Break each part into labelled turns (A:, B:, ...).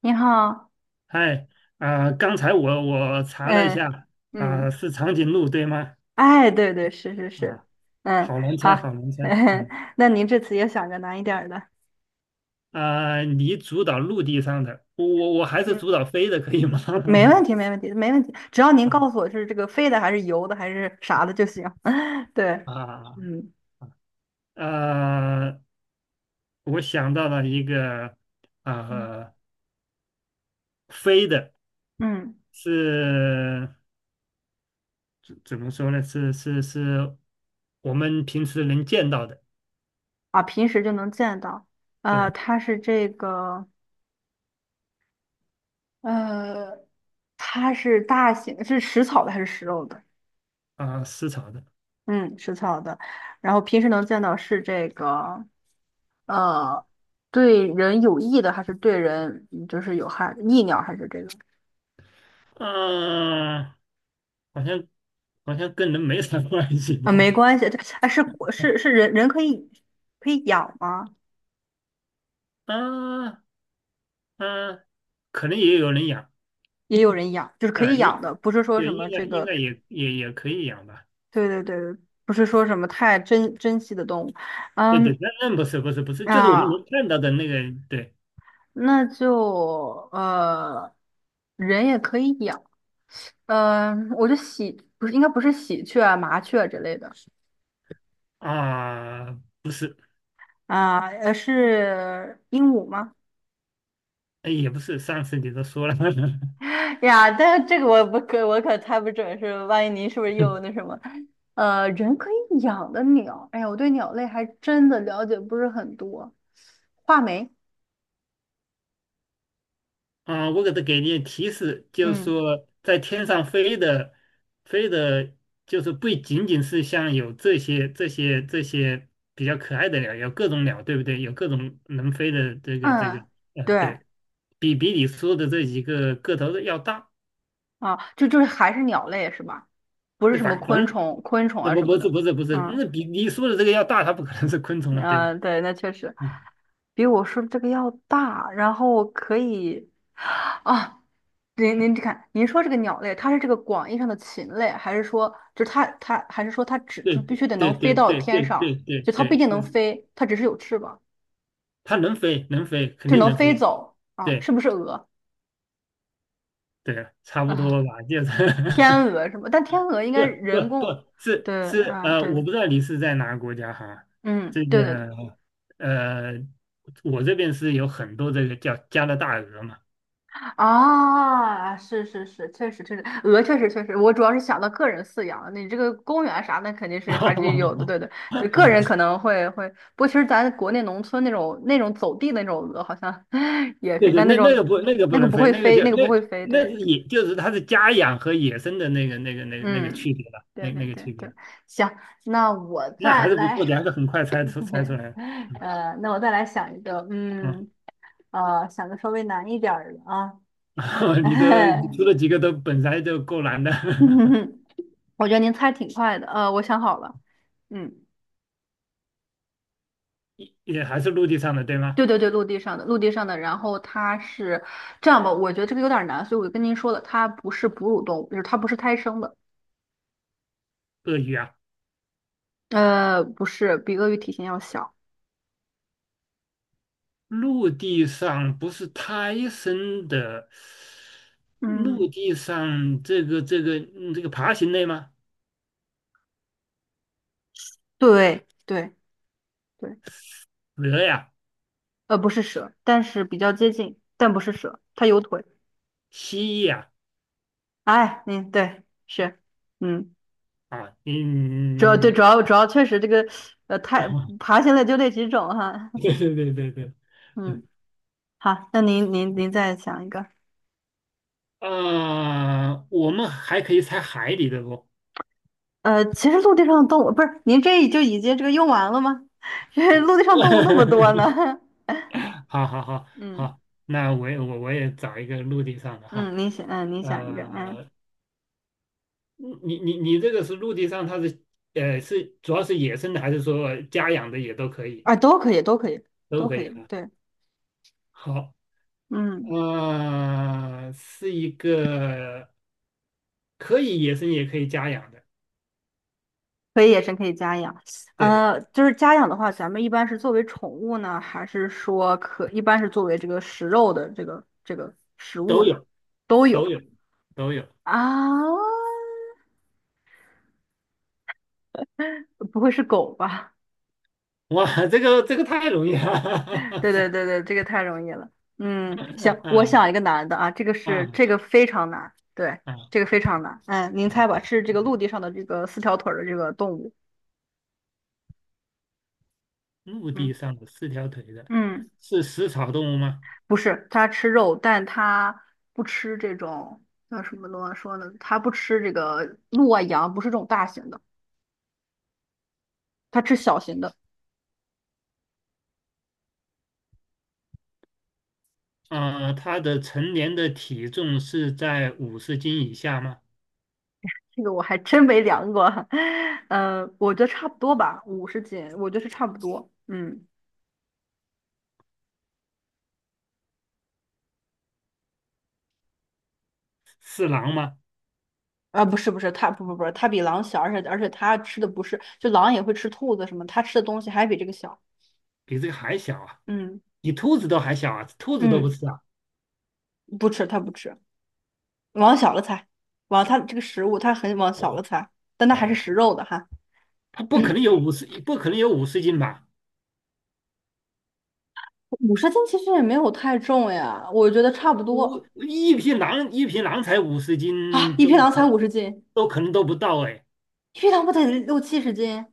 A: 你好。
B: 嗨，刚才我查了一
A: 嗯
B: 下，
A: 嗯，
B: 是长颈鹿对吗？
A: 哎，对对，是是是。
B: 啊，
A: 嗯，
B: 好难猜，
A: 好。
B: 好难猜，嗯，
A: 那您这次也想个难一点儿的。
B: 你主导陆地上的，我还是
A: 嗯，
B: 主导飞的，可以吗？
A: 没问 题，没问题，没问题，只要您
B: 啊
A: 告诉我是这个飞的还是游的还是啥的就行。对。
B: 啊，
A: 嗯
B: 呃，我想到了一个，
A: 嗯
B: 呃，飞的
A: 嗯。
B: 是怎么说呢？是是是，我们平时能见到的。
A: 啊，平时就能见到，
B: 对，
A: 它是这个，呃，它是大型，是食草的还是食肉的？
B: 食草的。
A: 嗯，食草的，然后平时能见到是这个。呃，对人有益的还是对人就是有害，益鸟还是这个？
B: 啊、好像跟人没啥关系
A: 啊，没
B: 吧？
A: 关系，这哎是是人可以养吗？
B: 啊啊，可能也有人养。
A: 也有人养，就是可
B: 啊，
A: 以养
B: 应
A: 的，不是说什
B: 对，应
A: 么这
B: 该
A: 个。
B: 也可以养吧？
A: 对对对，不是说什么太珍惜的动物。
B: 对对，
A: 嗯
B: 那不是，不是，不是，就是我们能
A: 啊，
B: 看到的那个。对
A: 那就呃，人也可以养。嗯、我就喜不是应该不是喜鹊啊麻雀之类的。
B: 啊，不是。
A: 啊，是鹦鹉吗？
B: 哎，也不是，上次你都说了。
A: 呀，但是这个我可猜不准是，万一您是不是又那什么？人可以养的鸟，哎呀，我对鸟类还真的了解不是很多。画眉。
B: 啊，我给你提示，就是
A: 嗯
B: 说在天上飞的，飞的，就是不仅仅是像有这些比较可爱的鸟，有各种鸟，对不对？有各种能飞的这个，
A: 嗯。对
B: 对。比你说的这几个个头的要大，
A: 啊，就是还是鸟类是吧？不是
B: 那
A: 什么
B: 反反
A: 昆
B: 正
A: 虫、昆虫
B: 那
A: 啊什么的。
B: 不是不是，那
A: 嗯
B: 比你说的这个要大，它不可能是昆虫了，对吧？
A: 嗯，对，那确实
B: 啊，
A: 比我说的这个要大，然后可以啊。您看，您说这个鸟类，它是这个广义上的禽类，还是说就是它还是说它只
B: 对
A: 就必须得能
B: 对
A: 飞
B: 对
A: 到
B: 对
A: 天
B: 对对
A: 上，
B: 对
A: 就它不一
B: 对，
A: 定
B: 就
A: 能
B: 是
A: 飞，它只是有翅膀，
B: 它能飞，肯
A: 就是
B: 定
A: 能
B: 能
A: 飞
B: 飞。
A: 走啊？
B: 对，
A: 是不是鹅
B: 对啊，差不多
A: 啊？
B: 吧，就是。
A: 天 鹅什么？但天鹅应
B: 不
A: 该人工，
B: 不是，
A: 对
B: 是，
A: 啊，对
B: 我
A: 的。
B: 不知道你是在哪个国家哈。
A: 嗯，
B: 这
A: 对对对。
B: 个，呃，我这边是有很多这个叫加拿大鹅嘛。
A: 啊，是是是，确实确实，鹅确实确实，我主要是想到个人饲养，你这个公园啥的肯定 是还是有的。
B: 哦，
A: 对对对，个人可能会会，不过其实咱国内农村那种走地那种鹅好像 也可
B: 对
A: 以，
B: 对，
A: 但那
B: 那那个
A: 种
B: 不那个
A: 那
B: 不
A: 个
B: 能
A: 不
B: 飞，
A: 会
B: 那个
A: 飞，
B: 叫
A: 那个不
B: 那，
A: 会飞，
B: 那
A: 对。
B: 是野，就是它是家养和野生的那个区
A: 嗯，
B: 别了，
A: 对
B: 那那
A: 对
B: 个
A: 对
B: 区别，
A: 对。行，那我
B: 那还
A: 再
B: 是不错的，
A: 来。
B: 还是很快猜出来了。
A: 那我再来想一个。
B: 嗯。
A: 嗯，想个稍微难一点儿的啊。
B: 你的你出了几个都本来就够难的。
A: 嗯哼哼。我觉得您猜挺快的，我想好了。嗯，
B: 也还是陆地上的，对吗？
A: 对对对，陆地上的，陆地上的，然后它是这样吧，我觉得这个有点难，所以我就跟您说了，它不是哺乳动物，就是它不是胎生的。
B: 鳄鱼啊。
A: 不是，比鳄鱼体型要小。
B: 陆地上不是胎生的，陆
A: 嗯，
B: 地上这个爬行类吗？
A: 对对对。
B: 鹅呀，
A: 不是蛇，但是比较接近，但不是蛇，它有腿。
B: 蜥蜴呀，
A: 哎，您对是。嗯，
B: 啊，
A: 主要对
B: 嗯，
A: 主要确实这个，呃，太 爬行类就那几种哈。
B: 对，
A: 嗯，好，那您再想一个。
B: 啊，我们还可以猜海里的不？
A: 其实陆地上的动物不是您这就已经这个用完了吗？这陆地上动物那么多呢。
B: 好好好
A: 嗯
B: 好，那我也找一个陆地上的哈，
A: 嗯，您想嗯，您想一个嗯
B: 呃，你这个是陆地上，它是是主要是野生的还是说家养的也都可以？
A: 啊，都可以，都可以，
B: 都
A: 都
B: 可
A: 可
B: 以
A: 以。
B: 啊。
A: 对。
B: 好，
A: 嗯，
B: 是一个可以野生也可以家养的，
A: 可以野生可以家养。
B: 对。
A: 就是家养的话，咱们一般是作为宠物呢，还是说可一般是作为这个食肉的这个这个食物
B: 都
A: 呢？
B: 有，
A: 都
B: 都
A: 有
B: 有，都有。
A: 啊，不会是狗吧？
B: 哇，这个太容易了。
A: 对对对对，这个太容易了。嗯，行，我
B: 啊，
A: 想一个难的啊，这个是
B: 啊，
A: 这个非常难，对，
B: 啊！
A: 这个非常难。嗯，您猜吧，是这个陆地上的这个四条腿儿的这个动物。
B: 陆
A: 嗯
B: 地上的四条腿的，
A: 嗯，
B: 是食草动物吗？
A: 不是，它吃肉，但它不吃这种叫什么东西说呢？它不吃这个鹿啊羊，不是这种大型的，它吃小型的。
B: 它的成年的体重是在五十斤以下吗？
A: 这个我还真没量过，我觉得差不多吧，五十斤，我觉得是差不多。嗯。
B: 是狼吗？
A: 啊，不是不是，它不不不，它比狼小，而且它吃的不是，就狼也会吃兔子什么，它吃的东西还比这个小。
B: 比这个还小啊，
A: 嗯
B: 比兔子都还小啊，兔子都不
A: 嗯，
B: 是啊。
A: 不吃它不吃，往小了猜，往它这个食物它很往小了猜，但它还是食肉的哈。
B: 它不可能有五十，不可能有五十斤吧？
A: 五十斤其实也没有太重呀，我觉得差不
B: 五，
A: 多
B: 一匹狼，一匹狼才五十
A: 啊。
B: 斤，
A: 一匹狼才五十斤，
B: 都可能都不到哎，
A: 一匹狼不得六七十斤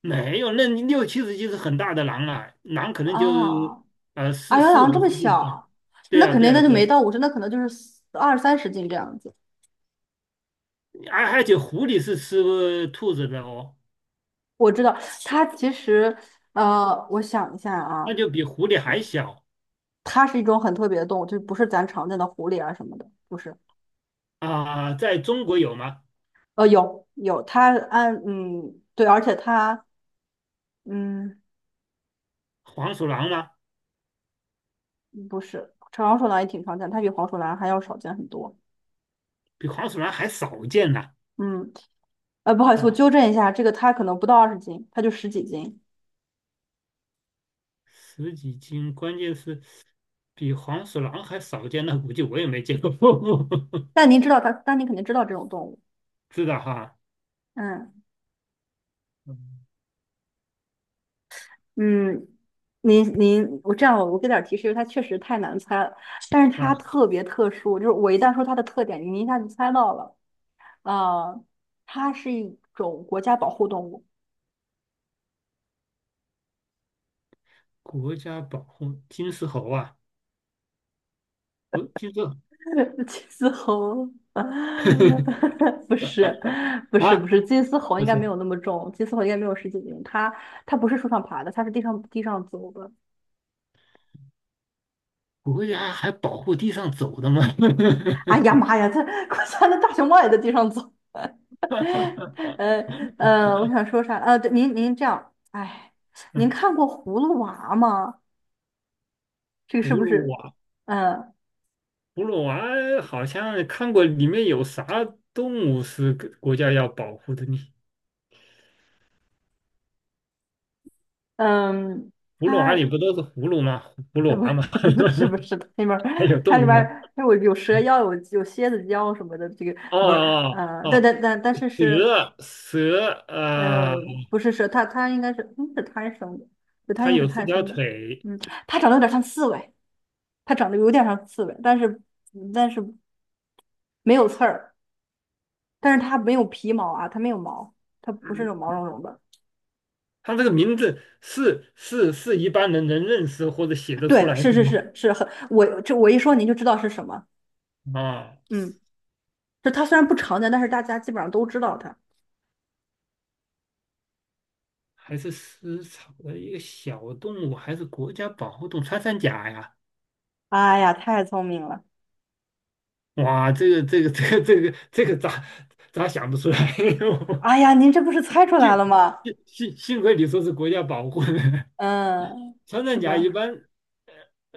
B: 没有，那你六七十斤是很大的狼了，狼可能就
A: 啊？啊，原来
B: 五
A: 狼这
B: 十
A: 么
B: 斤啊。
A: 小，那肯定那就
B: 对
A: 没
B: 啊，
A: 到五十，那可能就是二三十斤这样子。
B: 而且狐狸是吃兔子的哦，
A: 我知道它其实，我想一下啊，
B: 那就比狐狸还小。
A: 它是一种很特别的动物，就不是咱常见的狐狸啊什么的，不是。
B: 啊、在中国有吗？
A: 有有，它按嗯对，而且它嗯
B: 黄鼠狼吗？
A: 不是长鼠狼也挺常见，它比黄鼠狼还要少见很多。
B: 比黄鼠狼还少见呢、
A: 嗯，不好意思，我
B: 吧？
A: 纠正一下，这个它可能不到二十斤，它就十几斤。
B: 十几斤，关键是比黄鼠狼还少见，那估计我也没见过。
A: 但您知道它，但您肯定知道这种动物。
B: 知道哈？
A: 嗯。
B: 嗯，
A: 嗯，您您，我这样我给点儿提示，因为它确实太难猜了，但是
B: 啊，
A: 它特别特殊，就是我一旦说它的特点，您一下就猜到了。啊，它是一种国家保护动物。
B: 国家保护金丝猴啊，不，金丝。
A: 金丝猴。不是，不是，不
B: 啊，
A: 是，金丝猴
B: 不
A: 应
B: 是，
A: 该没有那么重，金丝猴应该没有十几斤，它不是树上爬的，它是地上地上走的。
B: 国家还保护地上走的吗？
A: 哎呀妈呀，他我家那大熊猫也在地上走。呃呃，我想说啥？对您您这样，哎，您看过《葫芦娃》吗？这个
B: 葫
A: 是不
B: 芦
A: 是？
B: 娃，
A: 嗯、
B: 葫芦娃好像看过，里面有啥动物是国家要保护的呢？
A: 嗯，
B: 葫芦娃
A: 它
B: 里不都是葫芦吗？葫芦
A: 不
B: 娃
A: 是
B: 吗？
A: 不是不是，它里面儿
B: 还有动
A: 它里
B: 物
A: 面
B: 吗？
A: 儿有有蛇 妖，有有蝎子妖什么的，这个
B: 哦
A: 不是
B: 哦哦，
A: 但
B: 哦，
A: 但但但是是
B: 蛇啊，
A: 呃不是蛇，它它应该是是贪生的，对，它应
B: 它
A: 该是
B: 有四
A: 贪
B: 条
A: 生的。
B: 腿。
A: 嗯，它长得有点像刺猬。它长得有点像刺猬，但是但是没有刺儿，但是它没有皮毛啊，它没有毛，它不是那种毛茸茸的。
B: 它这个名字是一般人能认识或者写得出
A: 对，
B: 来的吗？
A: 是很，我这我一说您就知道是什么。
B: 啊，
A: 嗯，就它虽然不常见，但是大家基本上都知道它。
B: 还是食草的一个小动物，还是国家保护动物穿山甲呀？
A: 哎呀，太聪明了！
B: 哇，这个咋，咋想不出来？
A: 哎呀，您这不是猜出 来了
B: 幸
A: 吗？
B: 幸亏你说是国家保护的。
A: 嗯，
B: 穿
A: 是
B: 山甲一
A: 吧？
B: 般，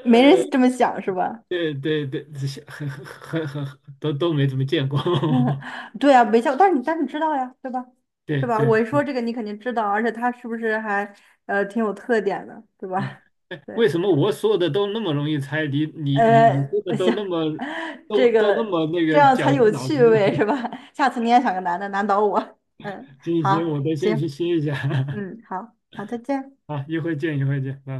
A: 没人这么想是吧？
B: 对对对，这些很都都没怎么见过。
A: 对啊，没想，但是你知道呀，对吧？
B: 对
A: 对吧？
B: 对
A: 我一说这个，你肯定知道，而且它是不是还挺有特点的，对
B: 啊，
A: 吧？
B: 哎，为
A: 对。
B: 什么我说的都那么容易猜，你你
A: 呃，
B: 说的都
A: 行，
B: 那么， 都
A: 这
B: 都那
A: 个
B: 么那
A: 这
B: 个
A: 样才
B: 绞
A: 有
B: 尽脑汁？
A: 趣味是 吧？下次你也想个男的难倒我。嗯，
B: 行行，我
A: 好，
B: 得先去
A: 行，
B: 歇一下。
A: 嗯，好，好，再见。
B: 啊 一会见，一会见，拜拜。